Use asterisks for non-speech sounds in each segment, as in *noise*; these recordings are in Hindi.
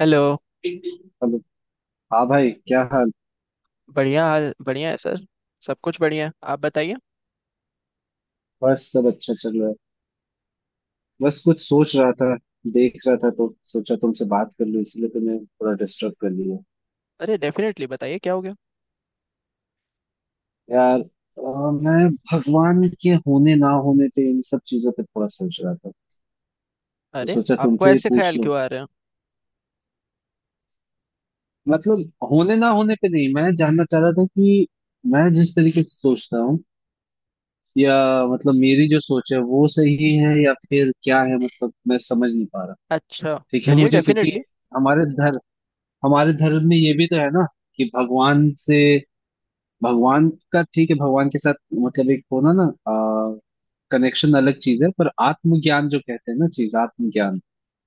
हेलो। हेलो। हाँ भाई, क्या हाल। बढ़िया हाल बढ़िया है सर। सब कुछ बढ़िया है, आप बताइए। बस सब अच्छा चल रहा है। बस कुछ सोच रहा था, देख रहा था, तो सोचा तुमसे बात कर लूं, इसलिए तो मैं थोड़ा डिस्टर्ब कर लिया। अरे डेफिनेटली बताइए क्या हो गया। यार मैं भगवान के होने ना होने पे, इन सब चीजों पे थोड़ा सोच रहा था, तो अरे सोचा आपको तुमसे ही ऐसे पूछ ख्याल लूं। क्यों आ रहे हैं। मतलब होने ना होने पे नहीं, मैं जानना चाह रहा था कि मैं जिस तरीके से सोचता हूँ, या मतलब मेरी जो सोच है वो सही है या फिर क्या है, मतलब मैं समझ नहीं पा रहा। अच्छा, ठीक है, चलिए मुझे क्योंकि डेफिनेटली। हमारे धर्म हमारे धर्म में ये भी तो है ना कि भगवान का, ठीक है भगवान के साथ मतलब एक होना ना, कनेक्शन अलग चीज है, पर आत्मज्ञान जो कहते हैं ना, चीज आत्मज्ञान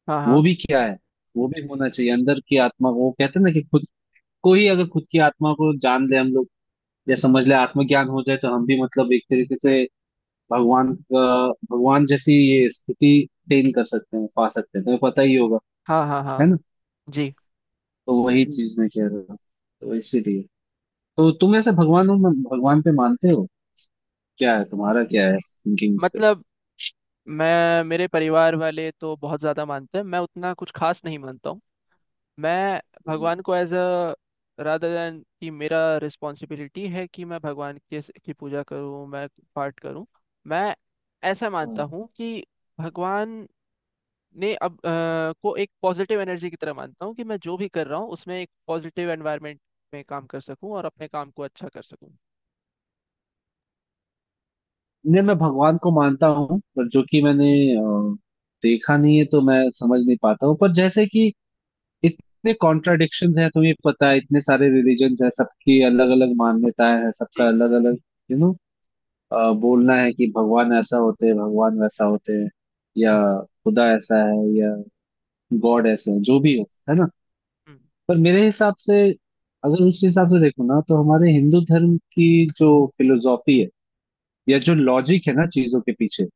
हाँ वो हाँ भी क्या है, वो भी होना चाहिए अंदर की आत्मा। वो कहते हैं ना कि खुद को ही अगर खुद की आत्मा को जान ले हम लोग, या समझ ले, आत्मज्ञान हो जाए, तो हम भी मतलब एक तरीके से भगवान का भगवान जैसी ये स्थिति अटेन कर सकते हैं, पा सकते हैं। तुम्हें पता ही होगा, हाँ। हाँ हाँ। है ना। जी। तो वही चीज मैं कह रहा हूँ। तो इसीलिए तो, तुम ऐसे भगवानों में, भगवान पे मानते हो क्या, है म- तुम्हारा क्या है थिंकिंग इस पे। मतलब, मैं मेरे परिवार वाले तो बहुत ज़्यादा मानते हैं, मैं उतना कुछ खास नहीं मानता हूँ। मैं हम्म। भगवान को एज अ रादर देन कि मेरा रिस्पॉन्सिबिलिटी है कि मैं भगवान के की पूजा करूँ, मैं पाठ करूँ। मैं ऐसा मानता हाँ। हूँ कि भगवान ने अब को एक पॉजिटिव एनर्जी की तरह मानता हूँ, कि मैं जो भी कर रहा हूँ उसमें एक पॉजिटिव एनवायरनमेंट में काम कर सकूँ और अपने काम को अच्छा कर सकूँ। नहीं, मैं भगवान को मानता हूँ, पर जो कि मैंने अ, देखा नहीं है तो मैं समझ नहीं पाता हूँ, पर जैसे कि इतने कॉन्ट्राडिक्शंस हैं, तुम्हें पता है इतने सारे रिलीजन्स हैं, सबकी अलग अलग मान्यताएं हैं, सबका जी। अलग अलग यू नो बोलना है कि भगवान ऐसा होते हैं, भगवान वैसा होते हैं, या हम्म। खुदा ऐसा है, या गॉड ऐसा है, जो भी हो, है ना। हम्म। पर मेरे हिसाब से, अगर उस हिसाब से देखो ना, तो हमारे हिंदू धर्म की जो फिलोसॉफी है, या जो लॉजिक है ना चीजों के पीछे,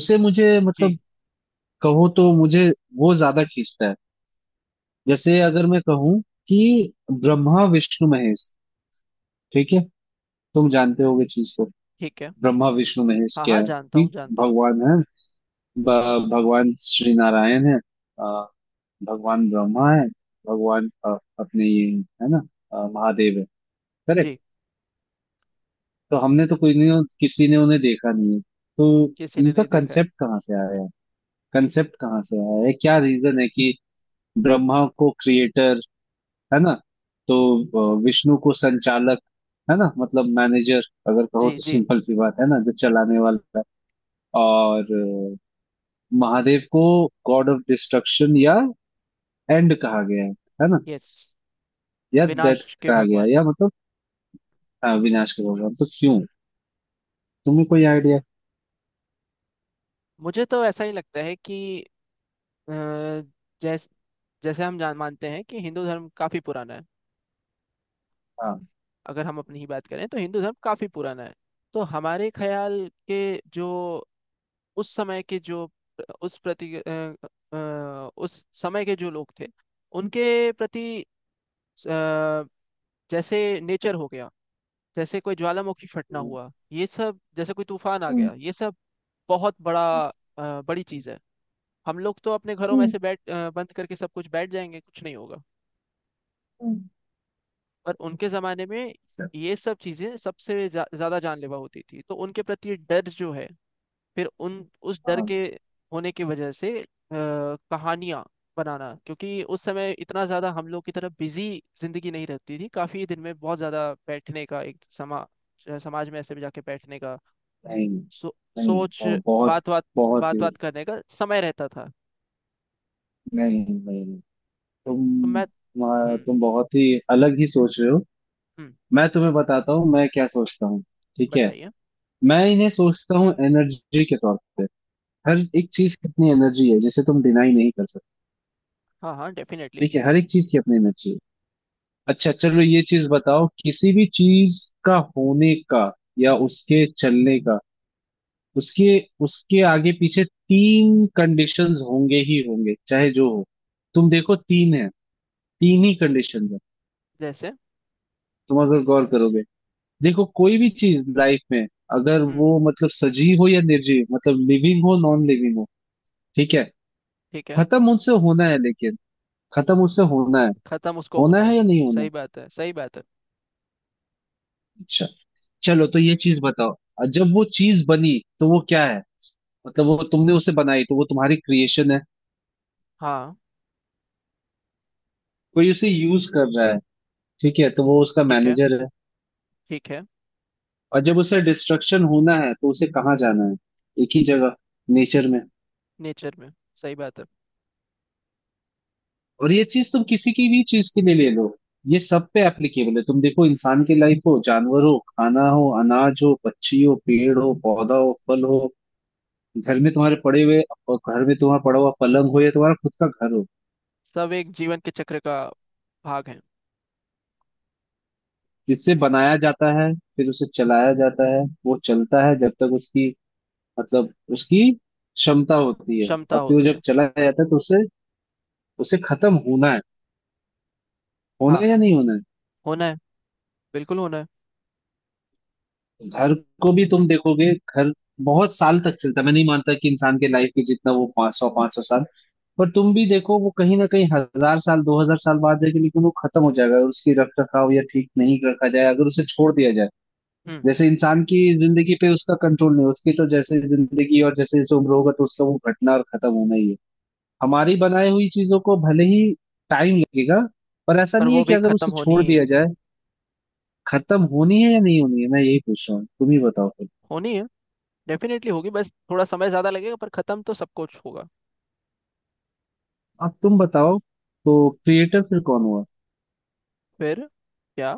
उसे मुझे, मतलब जी। कहो तो, मुझे वो ज्यादा खींचता है। जैसे अगर मैं कहूँ कि ब्रह्मा विष्णु महेश, ठीक है, तुम जानते होगे चीज को, ठीक है। ब्रह्मा विष्णु महेश हाँ क्या हाँ, है, जानता कि हूँ जानता हूँ। भगवान है, भगवान श्री नारायण है, अ, भगवान ब्रह्मा है, भगवान अपने ये है ना, महादेव है। जी। तो हमने तो कोई नहीं, किसी ने उन्हें देखा नहीं है, तो किसी ने इनका नहीं देखा है। कंसेप्ट कहाँ से आया है, कंसेप्ट कहाँ से आया है, क्या रीजन है कि ब्रह्मा को क्रिएटर, है ना, तो विष्णु को संचालक, है ना, मतलब मैनेजर अगर कहो जी तो, जी। सिंपल सी बात है ना, जो चलाने वाला है, और महादेव को गॉड ऑफ डिस्ट्रक्शन, या एंड कहा गया है ना, यस। या डेथ विनाश के कहा गया है, भगवान। या मतलब। हाँ, विनाश का भगवान, तो क्यों, तुम्हें कोई आइडिया। मुझे तो ऐसा ही लगता है कि जैसे, जैसे हम जान मानते हैं कि हिंदू धर्म काफी पुराना है। हाँ। अगर हम अपनी ही बात करें तो हिंदू धर्म काफी पुराना है। तो हमारे ख्याल के जो उस समय के जो उस प्रति उस समय के जो लोग थे उनके प्रति अ, जैसे नेचर हो गया, जैसे कोई ज्वालामुखी फटना हम्म हुआ ये सब, जैसे कोई तूफान आ हम्म। गया ये सब बहुत बड़ा बड़ी चीज है। हम लोग तो अपने घरों में हम्म, ऐसे बंद करके सब कुछ बैठ जाएंगे, कुछ नहीं होगा। हम्म। पर उनके जमाने में ये सब चीजें सबसे ज्यादा जानलेवा होती थी, तो उनके प्रति डर जो है फिर उन उस डर और के होने की वजह से कहानियाँ बनाना, क्योंकि उस समय इतना ज़्यादा हम लोग की तरह बिजी जिंदगी नहीं रहती थी, काफ़ी दिन में बहुत ज़्यादा बैठने का एक समाज में ऐसे भी जाके बैठने का नहीं, नहीं सोच और बहुत, बात बात बहुत बात ही, बात करने का समय रहता था, नहीं नहीं, तो मैं। हम्म। तुम बहुत ही अलग ही सोच रहे हो। हम्म। मैं तुम्हें बताता हूँ मैं क्या सोचता हूँ, ठीक है। बताइए। मैं इन्हें सोचता हूँ एनर्जी के तौर पे। हर एक चीज की अपनी एनर्जी है, जिसे तुम डिनाई नहीं कर सकते। हाँ हाँ डेफिनेटली। ठीक है, हर एक चीज की अपनी एनर्जी है। अच्छा चलो, ये चीज बताओ, किसी भी चीज का होने का, या उसके चलने का, उसके उसके आगे पीछे तीन कंडीशंस होंगे ही होंगे, चाहे जो हो। तुम देखो, तीन है, तीन ही कंडीशंस है। जैसे। तुम अगर गौर करोगे, देखो कोई भी चीज लाइफ में, अगर हम्म। वो मतलब सजीव हो या निर्जीव, मतलब लिविंग हो नॉन लिविंग हो, ठीक है, ठीक है। खत्म उनसे होना है, लेकिन खत्म उससे होना है, खत्म उसको होना होना है। है या नहीं होना सही है। बात है सही बात है। अच्छा चलो, तो ये चीज बताओ, जब वो चीज बनी तो वो क्या है, मतलब वो तुमने उसे बनाई तो वो तुम्हारी क्रिएशन है। हाँ। कोई उसे यूज कर रहा है, ठीक है, तो वो उसका ठीक है मैनेजर है। ठीक है। और जब उसे डिस्ट्रक्शन होना है तो उसे कहाँ जाना है, एक ही जगह, नेचर में। नेचर में। सही बात है। और ये चीज तुम किसी की भी चीज के लिए ले लो, ये सब पे एप्लीकेबल है। तुम देखो, इंसान की लाइफ हो, जानवर हो, खाना हो, अनाज हो, पक्षी हो, पेड़ हो, पौधा हो, फल हो, घर में तुम्हारे पड़े हुए और घर में तुम्हारा पड़ा हुआ पलंग हो, या तुम्हारा खुद का घर हो, सब एक जीवन के चक्र का भाग है। जिससे बनाया जाता है, फिर उसे चलाया जाता है, वो चलता है जब तक उसकी, मतलब उसकी क्षमता होती है, क्षमता और फिर वो होती जब है। चलाया जाता है तो उसे, उसे खत्म होना है, होना हाँ है या नहीं होना है। होना है, बिल्कुल होना है। घर को भी तुम देखोगे, घर बहुत साल तक चलता है, मैं नहीं मानता कि इंसान के लाइफ के जितना, वो पाँच सौ साल, पर तुम भी देखो वो कहीं ना कहीं 1,000 साल, 2,000 साल बाद जाके, लेकिन वो खत्म हो जाएगा अगर उसकी रख रखाव या ठीक नहीं रखा जाए, अगर उसे छोड़ दिया जाए। हम्म। जैसे इंसान की जिंदगी पे उसका कंट्रोल नहीं, उसकी तो जैसे जिंदगी, और जैसे जैसे उम्र होगा तो उसका वो घटना और खत्म होना ही है। हमारी बनाई हुई चीजों को भले ही टाइम लगेगा, पर ऐसा पर नहीं है, वो कि भी अगर खत्म उसे होनी छोड़ ही है। दिया जाए, खत्म होनी है या नहीं होनी है, मैं यही पूछ रहा हूँ, तुम ही बताओ। होनी है, डेफिनेटली होगी, बस थोड़ा समय ज्यादा लगेगा पर खत्म तो सब कुछ होगा। अब तुम बताओ, तो क्रिएटर फिर कौन हुआ, फिर क्या।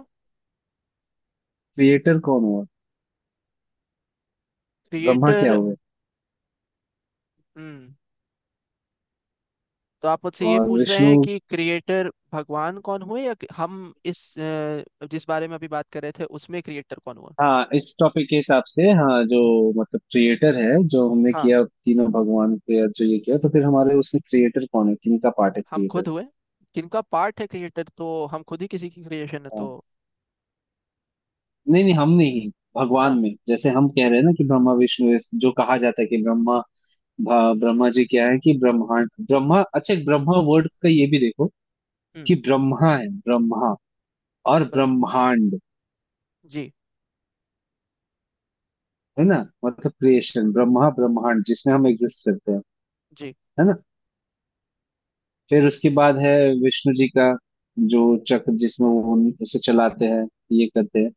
क्रिएटर कौन हुआ, ब्रह्मा क्या क्रिएटर। हुए हम्म। तो आप मुझसे ये और पूछ रहे हैं विष्णु। कि क्रिएटर भगवान कौन हुए, या कि हम इस जिस बारे में अभी बात कर रहे थे उसमें क्रिएटर कौन हुआ। हाँ, इस टॉपिक के हिसाब से, हाँ जो मतलब क्रिएटर है, जो हमने हाँ, किया तीनों भगवान के जो ये किया, तो फिर हमारे उसमें क्रिएटर कौन है, किन का पार्ट है हम क्रिएटर। खुद हुए। जिनका पार्ट है क्रिएटर, तो हम खुद ही किसी की क्रिएशन है हाँ, तो। नहीं नहीं हम नहीं, भगवान हाँ। में जैसे हम कह रहे हैं ना कि ब्रह्मा विष्णु जो कहा जाता है कि ब्रह्मा, ब्रह्मा जी क्या है, कि ब्रह्मांड ब्रह्मा, अच्छा एक ब्रह्मा वर्ड का ये भी देखो, हम्म। कि ब्रह्मा और ब्रह्मा ब्रह्मांड, जी। है ना, मतलब क्रिएशन, ब्रह्मा ब्रह्मांड जिसमें हम एग्जिस्ट करते हैं, जी। है ना। फिर उसके बाद है विष्णु जी का जो चक्र, जिसमें वो उसे चलाते हैं, ये करते हैं।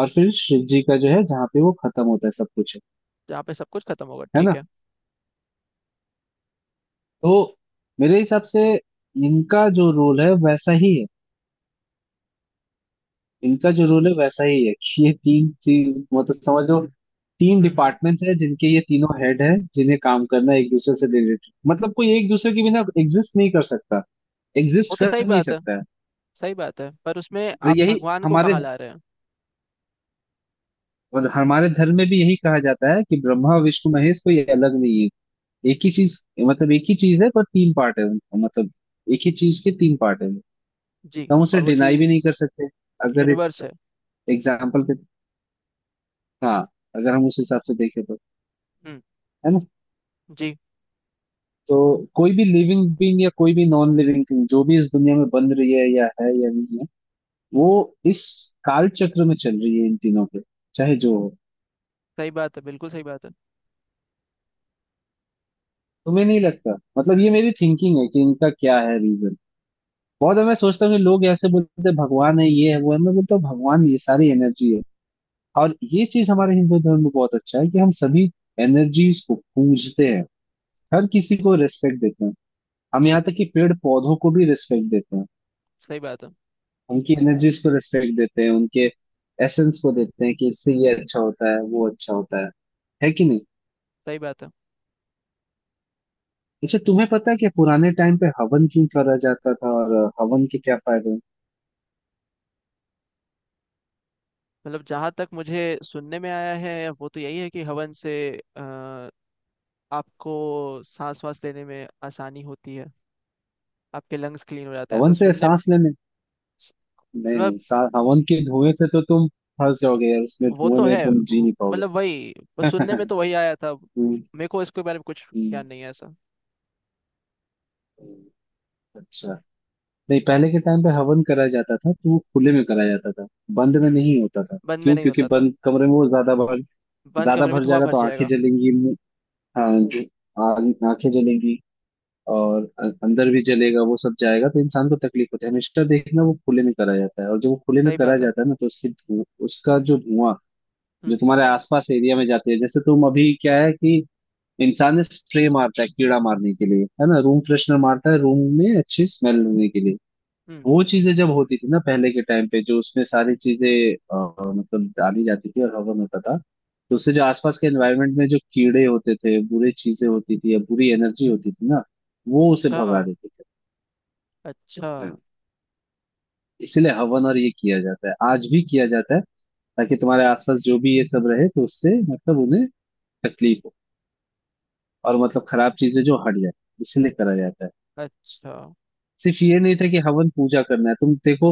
और फिर शिव जी का जो है, जहाँ पे वो खत्म होता है सब कुछ, जहाँ पे सब कुछ खत्म होगा, है ठीक ना। है। तो मेरे हिसाब से इनका जो रोल है वैसा ही है, इनका जो रूल है वैसा ही है, कि ये तीन चीज, मतलब समझो तीन हम्म। डिपार्टमेंट्स है, जिनके ये तीनों हेड है, जिन्हें काम करना है एक दूसरे से रिलेटेड, मतलब कोई एक दूसरे के बिना एग्जिस्ट नहीं कर सकता, वो एग्जिस्ट तो कर सही नहीं बात है, सकता है। सही बात है पर उसमें और आप यही भगवान को हमारे, कहाँ ला रहे हैं। और हमारे धर्म में भी यही कहा जाता है, कि ब्रह्मा विष्णु महेश कोई अलग नहीं है, एक ही चीज, मतलब एक ही चीज है, पर तीन पार्ट है उनका, मतलब एक ही चीज के तीन पार्ट है। तो जी। हम उसे और वो डिनाई भी चीज नहीं कर सकते, अगर यूनिवर्स है। एग्जाम्पल के, हाँ, अगर हम उस हिसाब से देखें तो, हम्म। है ना। जी। तो कोई भी लिविंग बीइंग, या कोई भी नॉन लिविंग थिंग जो भी इस दुनिया में बन रही है, या है, या नहीं है, वो इस काल चक्र में चल रही है, इन तीनों के, चाहे जो हो। सही बात है, बिल्कुल सही बात है। तुम्हें नहीं लगता, मतलब ये मेरी थिंकिंग है, कि इनका क्या है रीजन। बहुत मैं सोचता हूँ, कि लोग ऐसे बोलते हैं भगवान है, ये है वो है, मैं बोलता हूँ भगवान ये सारी एनर्जी है। और ये चीज हमारे हिंदू धर्म में बहुत अच्छा है, कि हम सभी एनर्जीज को पूजते हैं, हर किसी को रेस्पेक्ट देते हैं, हम जी। यहाँ तक कि पेड़ पौधों को भी रेस्पेक्ट देते हैं, सही बात है। उनकी एनर्जीज को रिस्पेक्ट देते हैं, उनके एसेंस को देते हैं, कि इससे ये अच्छा होता है, वो अच्छा होता है कि नहीं। सही बात है। अच्छा, तुम्हें पता है, कि पुराने टाइम पे हवन क्यों करा जाता था, और हवन के क्या फायदे हैं। मतलब जहाँ तक मुझे सुनने में आया है वो तो यही है कि हवन से अ, आपको सांस वास लेने में आसानी होती है, आपके लंग्स क्लीन हो जाते हैं, ऐसा हवन से सुनने। सांस लेने, नहीं मतलब नहीं हवन के धुएं से तो तुम फंस जाओगे यार, उसमें वो धुएं तो में है तुम जी वो- नहीं मतलब वही, पाओगे। बस *laughs* सुनने में तो वही आया था। हम्म। मेरे को इसके बारे में कुछ हम्म। ज्ञान नहीं है ऐसा। अच्छा, नहीं पहले के टाइम पे हवन करा जाता था तो वो खुले में करा जाता था, बंद में नहीं होता था, बंद में क्यों, नहीं क्योंकि होता था, बंद कमरे में वो ज्यादा भर, बंद ज्यादा कमरे में भर धुआं जाएगा भर तो आंखें जाएगा। जलेंगी, हाँ जो आ- आंखें जलेंगी, और अंदर भी जलेगा वो सब जाएगा, तो इंसान को तकलीफ होती है। हमेशा देखना वो खुले में करा जाता है, और जब वो खुले में सही करा बात है। जाता है ना, तो उसकी धुआं, उसका जो धुआं जो हम्म तुम्हारे आसपास एरिया में जाते हैं, जैसे तुम अभी क्या है, कि इंसान ने स्प्रे मारता है कीड़ा मारने के लिए, है ना, रूम फ्रेशनर मारता है रूम में अच्छी स्मेल लेने के लिए। हम्म। वो चीजें जब होती थी ना, पहले के टाइम पे जो उसमें सारी चीजें मतलब डाली जाती थी और हवन होता था, तो उससे जो आसपास के एनवायरनमेंट में जो कीड़े होते थे, बुरी चीजें होती थी, या बुरी एनर्जी होती थी ना, वो उसे अच्छा भगा देते थे। अच्छा। इसीलिए हवन और ये किया जाता है, आज भी किया जाता है, ताकि तुम्हारे आसपास जो भी ये सब रहे तो उससे मतलब उन्हें तकलीफ हो, और मतलब खराब चीजें जो हट जाए, इसीलिए करा जाता है। अच्छा। सिर्फ ये नहीं था कि हवन पूजा करना है। तुम देखो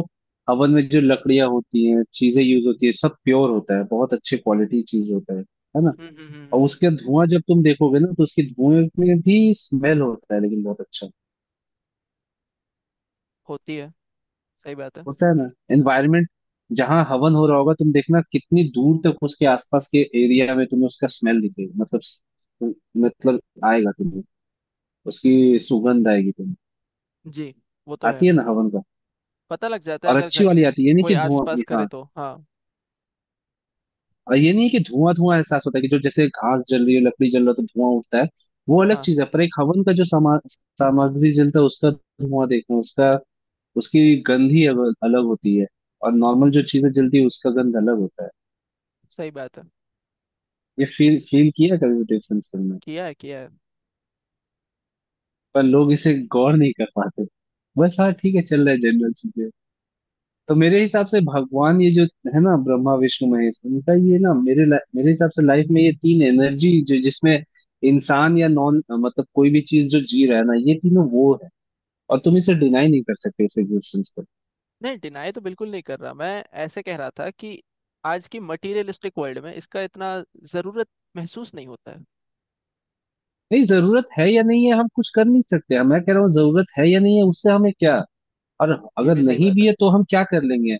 हवन में जो लकड़ियां होती हैं, चीजें यूज होती है, सब प्योर होता है, बहुत अच्छे क्वालिटी चीज होता है ना। और हम्म। उसके धुआं जब तुम देखोगे ना, तो उसके धुएं में भी स्मेल होता है, लेकिन बहुत अच्छा होती है। सही बात है। होता है ना एनवायरमेंट। जहाँ हवन हो रहा होगा तुम देखना, कितनी दूर तक उसके आसपास के एरिया में तुम्हें उसका स्मेल दिखेगा, मतलब आएगा तुम्हें, उसकी सुगंध आएगी तुम्हें, जी। वो तो है, आती है ना हवन का। पता लग जाता है और अगर अच्छी घर वाली आती है, ये नहीं कोई कि धुआं, आसपास करे हाँ। तो हाँ। और ये नहीं है कि धुआं धुआं एहसास होता है, कि जो जैसे घास जल रही है, लकड़ी जल रहा है तो धुआं उठता है, वो अलग हाँ। चीज है। पर एक हवन का जो सामा सामग्री जलता है, उसका धुआं देखना, उसका, उसकी गंध ही अलग होती है, और नॉर्मल जो चीजें जलती है उसका गंध अलग होता है। सही बात है। ये फील फील किया कभी डिफरेंस तुमने। किया है किया है। पर लोग इसे गौर नहीं कर पाते, बस हाँ ठीक है चल रहा है जनरल चीजें। तो मेरे हिसाब से भगवान ये जो, है ना, ब्रह्मा विष्णु महेश, उनका ये ना, मेरे मेरे हिसाब से लाइफ में ये तीन एनर्जी जो, जिसमें इंसान या नॉन, मतलब कोई भी चीज जो जी रहा है ना, ये तीनों वो है। और तुम इसे डिनाई नहीं कर सकते इस एग्जिस्टेंस को। नहीं, डिनाई तो बिल्कुल नहीं कर रहा मैं। ऐसे कह रहा था कि आज की मटेरियलिस्टिक वर्ल्ड में इसका इतना जरूरत महसूस नहीं होता है। नहीं जरूरत है या नहीं है, हम कुछ कर नहीं सकते, हम, मैं कह रहा हूँ जरूरत है या नहीं है, उससे हमें क्या। और ये अगर भी सही नहीं बात भी है। है, तो हम क्या कर लेंगे।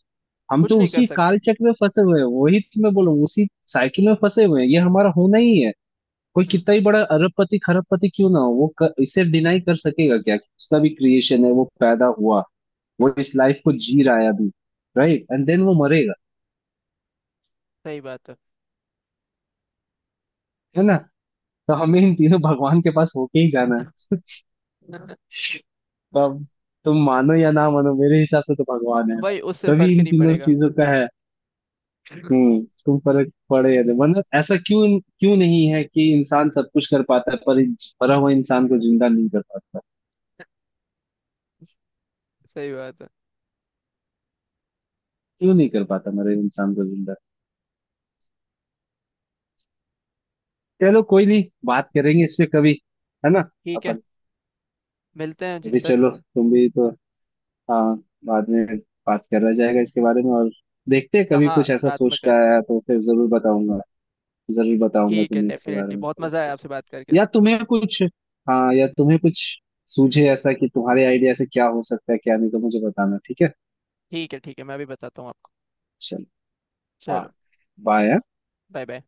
हम कुछ तो नहीं कर उसी सकते। काल चक्र में फंसे हुए हैं, वही तो मैं बोल रहा हूँ उसी साइकिल में फंसे हुए हैं, ये हमारा होना ही है। कोई हम्म। कितना ही बड़ा अरबपति खरबपति क्यों ना हो, इसे डिनाई कर सकेगा क्या, कि उसका भी क्रिएशन है, वो पैदा हुआ, वो इस लाइफ को जी रहा है अभी, राइट एंड देन वो मरेगा, सही बात है। है ना। तो हमें इन तीनों भगवान के पास होके ही जाना है *laughs* तब। तुम मानो या ना मानो, मेरे हिसाब से तो भगवान है वही, उससे भाई, तभी फर्क ही इन नहीं तीनों पड़ेगा। चीजों का है। हम्म। तुम फर्क पड़े या नहीं, वरना ऐसा क्यों, क्यों नहीं है कि इंसान सब कुछ कर पाता है, पर मरा हुआ इंसान को जिंदा नहीं कर पाता, सही बात है। क्यों नहीं कर पाता मरे इंसान को जिंदा। चलो कोई नहीं, बात करेंगे इस पे कभी, है ना, ठीक है। अपन। मिलते हैं जी अभी सर। चलो, तुम भी तो, हाँ, बाद में बात करा जाएगा इसके बारे में, और देखते हैं कभी हाँ कुछ ऐसा रात में सोच के करते आया हैं। तो फिर जरूर बताऊंगा, जरूर बताऊंगा ठीक है, तुम्हें इसके बारे डेफिनेटली में बहुत सब मज़ा आया कुछ। आपसे बात करके। या तुम्हें कुछ, हाँ या तुम्हें कुछ सूझे ऐसा, कि तुम्हारे आइडिया से क्या हो सकता है क्या नहीं, तो मुझे बताना, ठीक है। ठीक है ठीक है, मैं भी बताता हूँ आपको। चलो, हाँ, चलो। बाय। Bye bye.